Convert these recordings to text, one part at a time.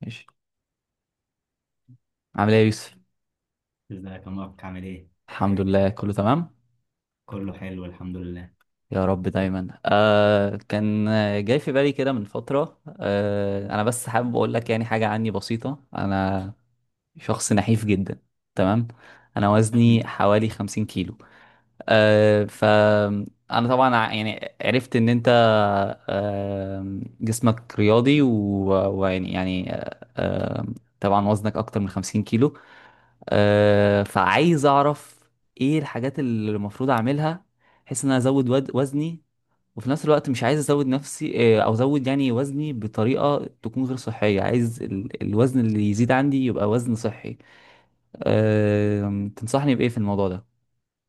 ماشي. عامل ايه يا يوسف؟ ازيك يا مبارك؟ عامل ايه؟ الحمد لله، كله تمام. كله حلو الحمد لله. يا رب دايما. كان جاي في بالي كده من فترة. انا بس حابب اقول لك يعني حاجة عني بسيطة. انا شخص نحيف جدا، تمام؟ انا وزني مم. حوالي 50 كيلو. آه ف انا طبعا يعني عرفت ان انت جسمك رياضي ويعني طبعا وزنك اكتر من 50 كيلو، فعايز اعرف ايه الحاجات اللي المفروض اعملها، بحيث ان انا ازود وزني، وفي نفس الوقت مش عايز ازود نفسي، او ازود يعني وزني بطريقة تكون غير صحية. عايز الوزن اللي يزيد عندي يبقى وزن صحي. تنصحني بايه في الموضوع ده؟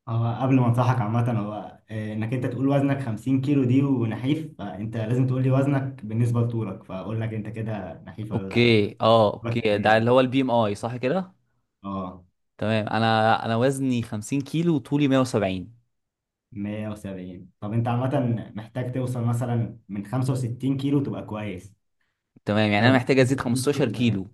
هو قبل ما انصحك عامة، هو انك انت تقول وزنك 50 كيلو دي ونحيف، فانت لازم تقول لي وزنك بالنسبة لطولك، فاقول لك انت كده نحيف ولا لا. اوكي، وزنك قد اوكي، ده اللي هو ايه؟ البي ام اي، صح كده؟ اه. تمام، انا وزني 50 كيلو وطولي 170. 170، طب انت عامة محتاج توصل مثلا من 65 كيلو تبقى كويس. تمام، يعني لو انا بقيت محتاج ازيد 65 15 كيلو تبقى حلو. كيلو.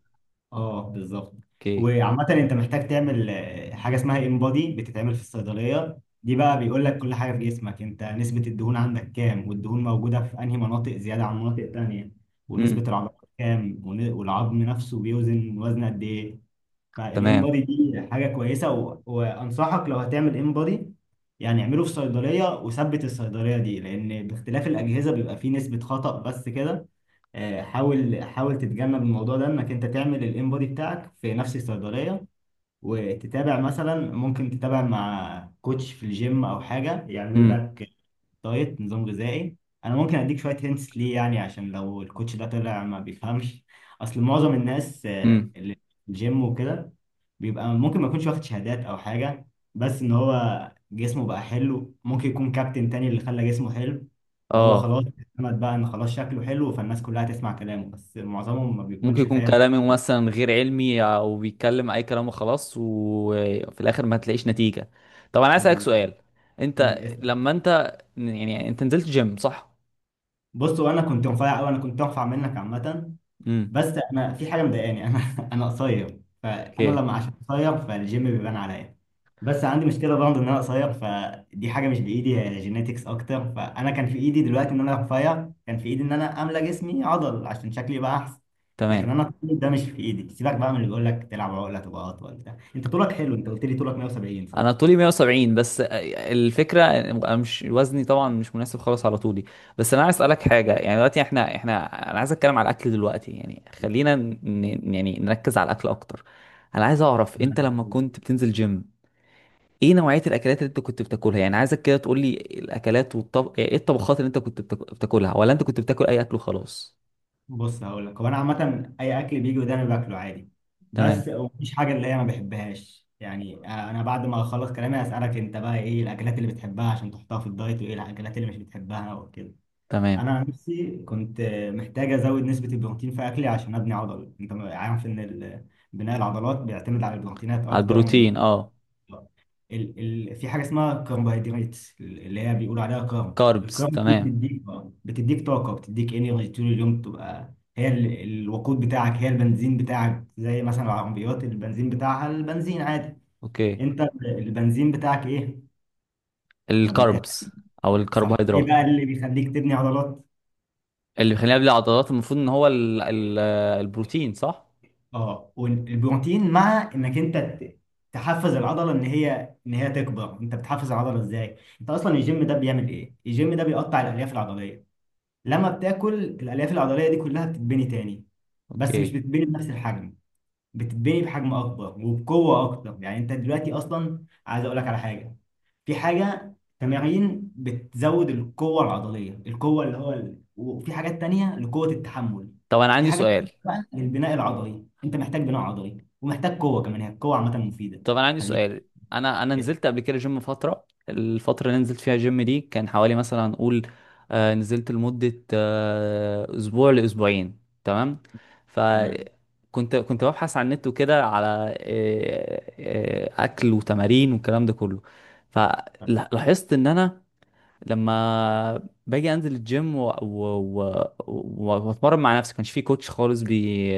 اه بالظبط. اوكي. وعامة انت محتاج تعمل حاجة اسمها انبادي بتتعمل في الصيدلية. دي بقى بيقول لك كل حاجة في جسمك، انت نسبة الدهون عندك كام، والدهون موجودة في انهي مناطق زيادة عن مناطق تانية، ونسبة امم. العضلات كام والعظم نفسه بيوزن وزن قد ايه. تمام. فالانبادي دي حاجة كويسة وانصحك لو هتعمل انبادي، يعني اعمله في صيدلية، وثبت الصيدلية دي لان باختلاف الأجهزة بيبقى فيه نسبة خطأ. بس كده. حاول حاول تتجنب الموضوع ده، انك انت تعمل الانبودي بتاعك في نفس الصيدليه. وتتابع مثلا، ممكن تتابع مع كوتش في الجيم او حاجه يعمل امم. لك دايت، نظام غذائي. انا ممكن اديك شويه هنتس ليه، يعني عشان لو الكوتش ده طلع ما بيفهمش. اصل معظم الناس امم. اللي في الجيم وكده بيبقى ممكن ما يكونش واخد شهادات او حاجه، بس ان هو جسمه بقى حلو. ممكن يكون كابتن تاني اللي خلى جسمه حلو، فهو اه. خلاص اعتمد بقى ان خلاص شكله حلو، فالناس كلها تسمع كلامه، بس معظمهم ما ممكن بيكونش يكون فاهم. كلامي مثلا غير علمي، او بيتكلم اي كلام وخلاص وفي الاخر ما تلاقيش نتيجة. طب انا عايز اسالك بالظبط. سؤال، انت اسأل. لما انت يعني انت نزلت جيم، صح؟ بص، وانا كنت مفيع قوي، انا كنت انفع منك عامه. امم. بس انا في حاجه مضايقاني، انا انا قصير، فانا اوكي. لما عشان قصير فالجيم بيبان عليا. بس عندي مشكله برضه ان انا قصير، فدي حاجه مش بايدي، هي جينيتكس اكتر. فانا كان في ايدي دلوقتي ان انا رفيع، كان في ايدي ان انا املى جسمي عضل عشان شكلي يبقى احسن. لكن تمام، انا طولي ده مش في ايدي. سيبك بقى من اللي بيقول لك تلعب عقله تبقى اطول، ده انت طولك حلو، انت قلت لي طولك 170. طولي 170، بس الفكرة أنا مش، وزني طبعا مش مناسب خالص على طولي. بس انا عايز اسالك حاجة، يعني دلوقتي احنا، انا عايز اتكلم على الاكل دلوقتي، يعني خلينا يعني نركز على الاكل اكتر. انا عايز اعرف، صح. انت لما كنت بتنزل جيم ايه نوعية الاكلات اللي انت كنت بتاكلها؟ يعني عايزك كده تقول لي الاكلات، والطب يعني ايه الطبخات اللي انت كنت بتاكلها، ولا انت كنت بتاكل اي اكل وخلاص؟ بص هقول لك، هو انا عامه اي اكل بيجي قدامي باكله عادي، تمام. بس مفيش حاجه اللي هي ما بحبهاش. يعني انا بعد ما اخلص كلامي هسالك انت بقى ايه الاكلات اللي بتحبها عشان تحطها في الدايت، وايه الاكلات اللي مش بتحبها وكده. تمام. انا عن نفسي كنت محتاج ازود نسبه البروتين في اكلي عشان ابني عضل. انت عارف ان بناء العضلات بيعتمد على البروتينات على اكتر من البروتين، اه. ال ال في حاجه اسمها كربوهيدرات اللي هي بيقولوا عليها كارب. كاربس، الكارب دي تمام. بتديك طاقه، بتديك انرجي طول اليوم، تبقى هي الوقود بتاعك، هي البنزين بتاعك. زي مثلا العربيات البنزين بتاعها البنزين عادي، اوكي. انت البنزين بتاعك ايه؟ انا بمتحن. الكاربس، او صح. ايه الكربوهيدرات. بقى اللي بيخليك تبني عضلات؟ اللي بيخلينا بلا عضلات المفروض ان هو ال البروتين، صح؟ اه، والبروتين. مع انك انت تحفز العضله ان هي تكبر. انت بتحفز العضله ازاي؟ انت اصلا الجيم ده بيعمل ايه؟ الجيم ده بيقطع الالياف العضليه. لما بتاكل، الالياف العضليه دي كلها بتتبني تاني. بس مش اوكي. بتتبني بنفس الحجم، بتتبني بحجم اكبر وبقوه اكتر. يعني انت دلوقتي اصلا عايز اقول لك على حاجه. في حاجه تمارين بتزود القوه العضليه، القوه اللي هو وفي حاجات تانية لقوه التحمل. طب انا في عندي حاجات سؤال. تانية بقى للبناء العضلي. انت محتاج بناء عضلي ومحتاج قوه كمان، هي القوه عامه مفيده. طب انا عندي خليك. سؤال. انا نزلت قبل كده جيم فتره، الفتره اللي نزلت فيها جيم دي كان حوالي مثلا هنقول، نزلت لمده، اسبوع لاسبوعين، تمام؟ تمام. فكنت، كنت ببحث على النت وكده على اكل وتمارين والكلام ده كله. تمام. فلاحظت ان انا لما باجي انزل الجيم و واتمرن مع نفسي، ما كانش في كوتش خالص بي...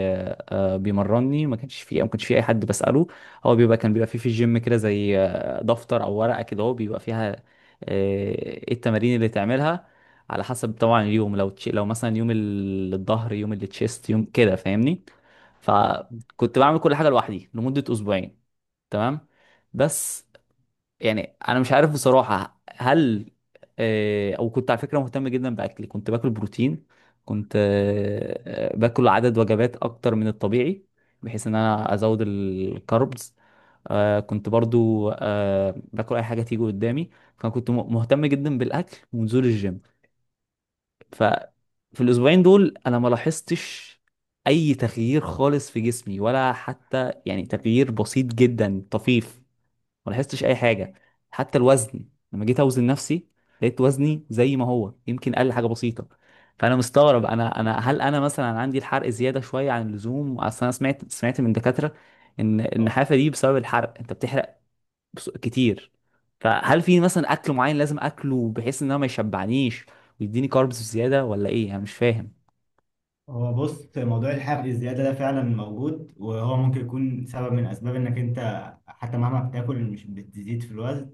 آه، بيمرني، ما كانش في اي حد بساله. هو كان بيبقى فيه في الجيم كده زي دفتر او ورقه كده هو بيبقى فيها آه، ايه التمارين اللي تعملها، على حسب طبعا اليوم. لو لو مثلا يوم الظهر، يوم التشيست، يوم كده، فاهمني؟ فكنت بعمل كل حاجه لوحدي لمده اسبوعين، تمام؟ بس يعني انا مش عارف بصراحه، هل او كنت على فكره مهتم جدا باكلي، كنت باكل بروتين، كنت باكل عدد وجبات اكتر من الطبيعي بحيث ان انا ازود الكاربز. كنت برضو باكل اي حاجه تيجي قدامي. فكنت مهتم جدا بالاكل ونزول الجيم. ففي الاسبوعين دول انا ما لاحظتش اي تغيير خالص في جسمي، ولا حتى يعني تغيير بسيط جدا طفيف. ما لاحظتش اي حاجه، حتى الوزن، لما جيت اوزن نفسي لقيت وزني زي ما هو، يمكن قل حاجه بسيطه. فانا مستغرب، انا هل انا مثلا عندي الحرق زياده شويه عن اللزوم؟ اصل انا سمعت، من دكاتره ان اه. النحافه دي بسبب الحرق، انت بتحرق كتير. فهل في مثلا اكل معين لازم اكله بحيث ان انا ما يشبعنيش ويديني كاربس زياده، ولا ايه؟ انا مش فاهم. هو بص، موضوع الحرق الزيادة ده فعلا موجود، وهو ممكن يكون سبب من أسباب إنك أنت حتى مهما بتاكل مش بتزيد في الوزن.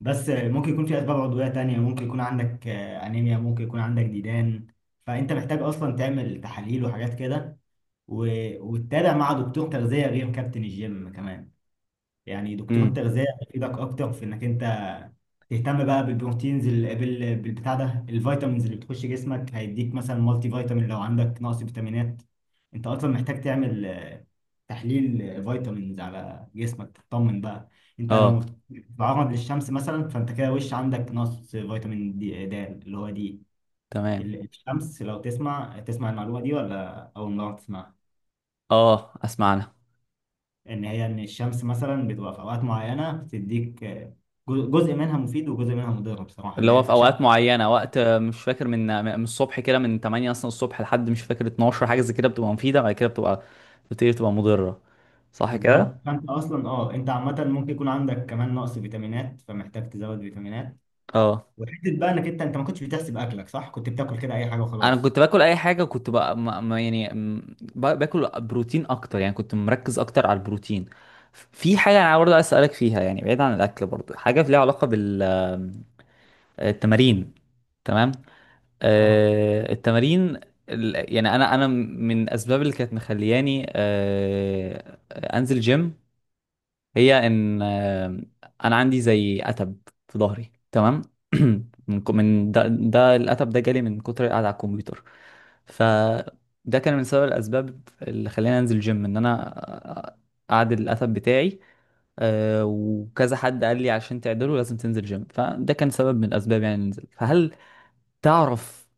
بس ممكن يكون في أسباب عضوية تانية. ممكن يكون عندك أنيميا، ممكن يكون عندك ديدان. فأنت محتاج أصلا تعمل تحاليل وحاجات كده، وتتابع مع دكتور تغذية غير كابتن الجيم كمان. يعني دكتور امم. تغذية هيفيدك أكتر في إنك أنت تهتم بقى بالبروتينز، بالبتاع ده. الفيتامينز اللي بتخش جسمك، هيديك مثلا مالتي فيتامين لو عندك نقص فيتامينات. أنت أصلا محتاج تعمل تحليل فيتامينز على جسمك تطمن بقى. أنت لو اه. بتتعرض للشمس مثلا، فأنت كده وش عندك نقص فيتامين دي، د اللي هو دي. تمام. الشمس، لو تسمع المعلومة دي، ولا أول مرة تسمعها؟ اه، اسمعنا. ان هي ان الشمس مثلا بتبقى في اوقات معينه، بتديك جزء منها مفيد وجزء منها مضر بصراحه، اللي اللي هي هو في الاشعه. اوقات معينه، وقت مش فاكر، من الصبح كده، من 8 اصلا الصبح لحد مش فاكر 12، حاجه زي كده بتبقى مفيده، بعد كده بتبقى، بتبتدي تبقى مضره، صح بالظبط. كده؟ فانت اصلا انت عامه ممكن يكون عندك كمان نقص فيتامينات، فمحتاج تزود فيتامينات. اه وحته بقى انك انت ما كنتش بتحسب اكلك صح، كنت بتاكل كده اي حاجه انا وخلاص. كنت باكل اي حاجه، كنت بقى باكل بروتين اكتر، يعني كنت مركز اكتر على البروتين. في حاجه انا برضه عايز اسالك فيها، يعني بعيد عن الاكل، برضه حاجه ليها علاقه بالتمارين، تمام؟ اه. التمارين، يعني انا من الاسباب اللي كانت مخلياني انزل جيم، هي ان انا عندي زي اتب في ظهري، تمام؟ من ده، ده الاتب ده جالي من كتر القعده على الكمبيوتر. فده كان من سبب الاسباب اللي خلاني انزل جيم، ان انا اعدل الاتب بتاعي. وكذا حد قال لي عشان تعدله لازم تنزل جيم، فده كان سبب من الاسباب يعني ننزل. فهل تعرف،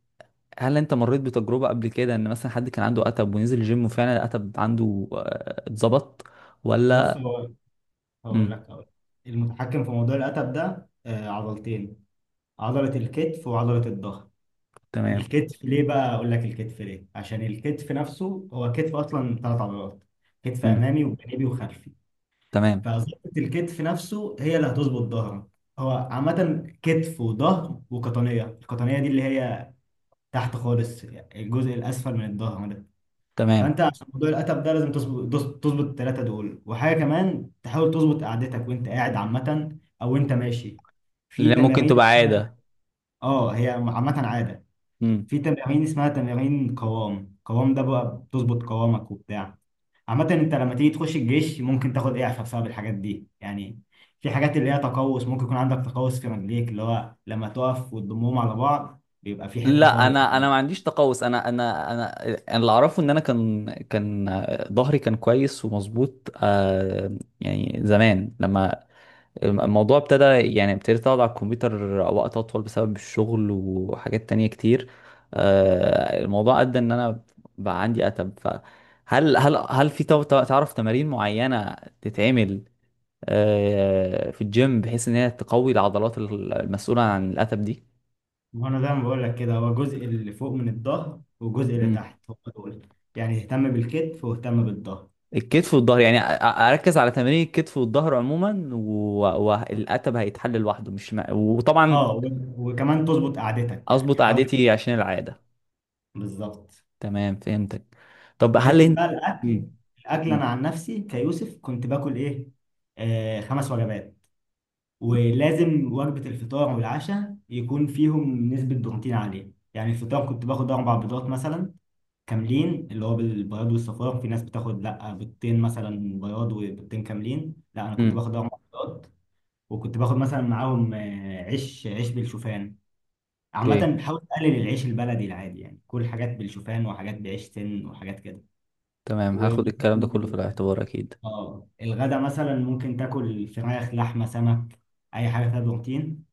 هل انت مريت بتجربة قبل كده ان مثلا حد كان عنده اتب ونزل الجيم وفعلا الاتب عنده اتظبط بص ولا؟ هو، هقول امم. لك هقول لك. المتحكم في موضوع الاتب ده عضلتين: عضله الكتف وعضله الظهر. تمام. الكتف ليه بقى اقول لك؟ الكتف ليه عشان الكتف نفسه هو كتف اصلا ثلاث عضلات: كتف امم. امامي وجانبي وخلفي. تمام. فظبطة الكتف نفسه هي اللي هتظبط ظهرك. هو عامة كتف وظهر وقطنية. القطنية دي اللي هي تحت خالص، الجزء الأسفل من الظهر ده. تمام. فأنت عشان موضوع القتب ده لازم تظبط التلاتة دول، وحاجة كمان تحاول تظبط قعدتك وأنت قاعد عامة أو أنت ماشي. في لان ممكن تمارين تبقى اسمها- عادة. اه، هي عامة عادة. امم. في تمارين اسمها تمارين قوام. قوام ده بقى بتظبط قوامك وبتاع. عامة انت لما تيجي تخش الجيش ممكن تاخد اعفاء بسبب الحاجات دي، يعني في حاجات اللي هي تقوس، ممكن يكون عندك تقوس في رجليك، اللي هو لما تقف وتضمهم على بعض بيبقى في حتة لا فاضية. انا، انا ما عنديش تقوس. انا اللي اعرفه ان انا كان كان آه، ظهري كان كويس ومظبوط، آه، يعني زمان، لما الموضوع ابتدى، يعني ابتديت اقعد على الكمبيوتر وقت اطول بسبب الشغل وحاجات تانية كتير، الموضوع ادى ان انا بقى عندي اتب. فهل هل في تعرف تمارين معينة تتعمل في الجيم بحيث ان هي تقوي العضلات المسؤولة عن الاتب دي؟ وانا زي ما بقول لك كده، هو الجزء اللي فوق من الظهر والجزء اللي مم. تحت هو دول. يعني اهتم بالكتف واهتم بالظهر. الكتف والظهر، يعني اركز على تمارين الكتف والظهر عموما، والاتب هيتحل لوحده، مش وطبعا اه، وكمان تظبط قعدتك، يعني اظبط حاول. قعدتي عشان العادة. بالظبط. تمام، فهمتك. طب هل حته انت، بقى الاكل. مم. الاكل انا مم. عن نفسي كيوسف كنت باكل ايه؟ آه، خمس وجبات. ولازم وجبه الفطار والعشاء يكون فيهم نسبه بروتين عاليه. يعني الفطار كنت باخد اربع بيضات مثلا كاملين، اللي هو بالبياض والصفار. في ناس بتاخد لا بيضتين، مثلا بياض وبيضتين كاملين، لا انا كنت مم. باخد اربع بيضات. وكنت باخد مثلا معاهم عيش بالشوفان. عامة اوكي، بحاول أقلل العيش البلدي العادي، يعني كل حاجات بالشوفان وحاجات بعيش سن وحاجات كده. تمام، و هاخد الكلام ده كله في الاعتبار اكيد. اه الغدا مثلا ممكن تاكل فراخ لحمه سمك، اي حاجه فيها بروتين.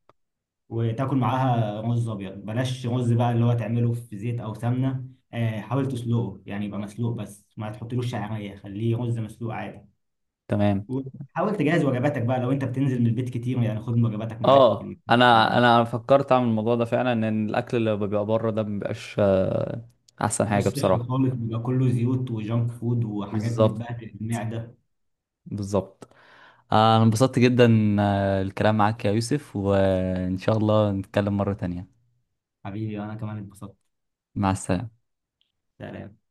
وتاكل معاها رز ابيض. بلاش رز بقى اللي هو تعمله في زيت او سمنه. حاول تسلقه يعني يبقى مسلوق، بس ما تحطلوش شعريه، خليه رز مسلوق عادي. تمام. وحاول تجهز وجباتك بقى لو انت بتنزل من البيت كتير، يعني خد وجباتك معاك. اه انا، ما انا فكرت اعمل الموضوع ده فعلا، ان الاكل اللي بيبقى بره ده مبيبقاش احسن بقاش حاجه صحي بصراحه. خالص، بيبقى كله زيوت وجانك فود وحاجات بالظبط. بتبهدل المعده. بالظبط. انا انبسطت جدا الكلام معاك يا يوسف، وان شاء الله نتكلم مره تانية. حبيبي، انا كمان اتبسطت. مع السلامه. سلام.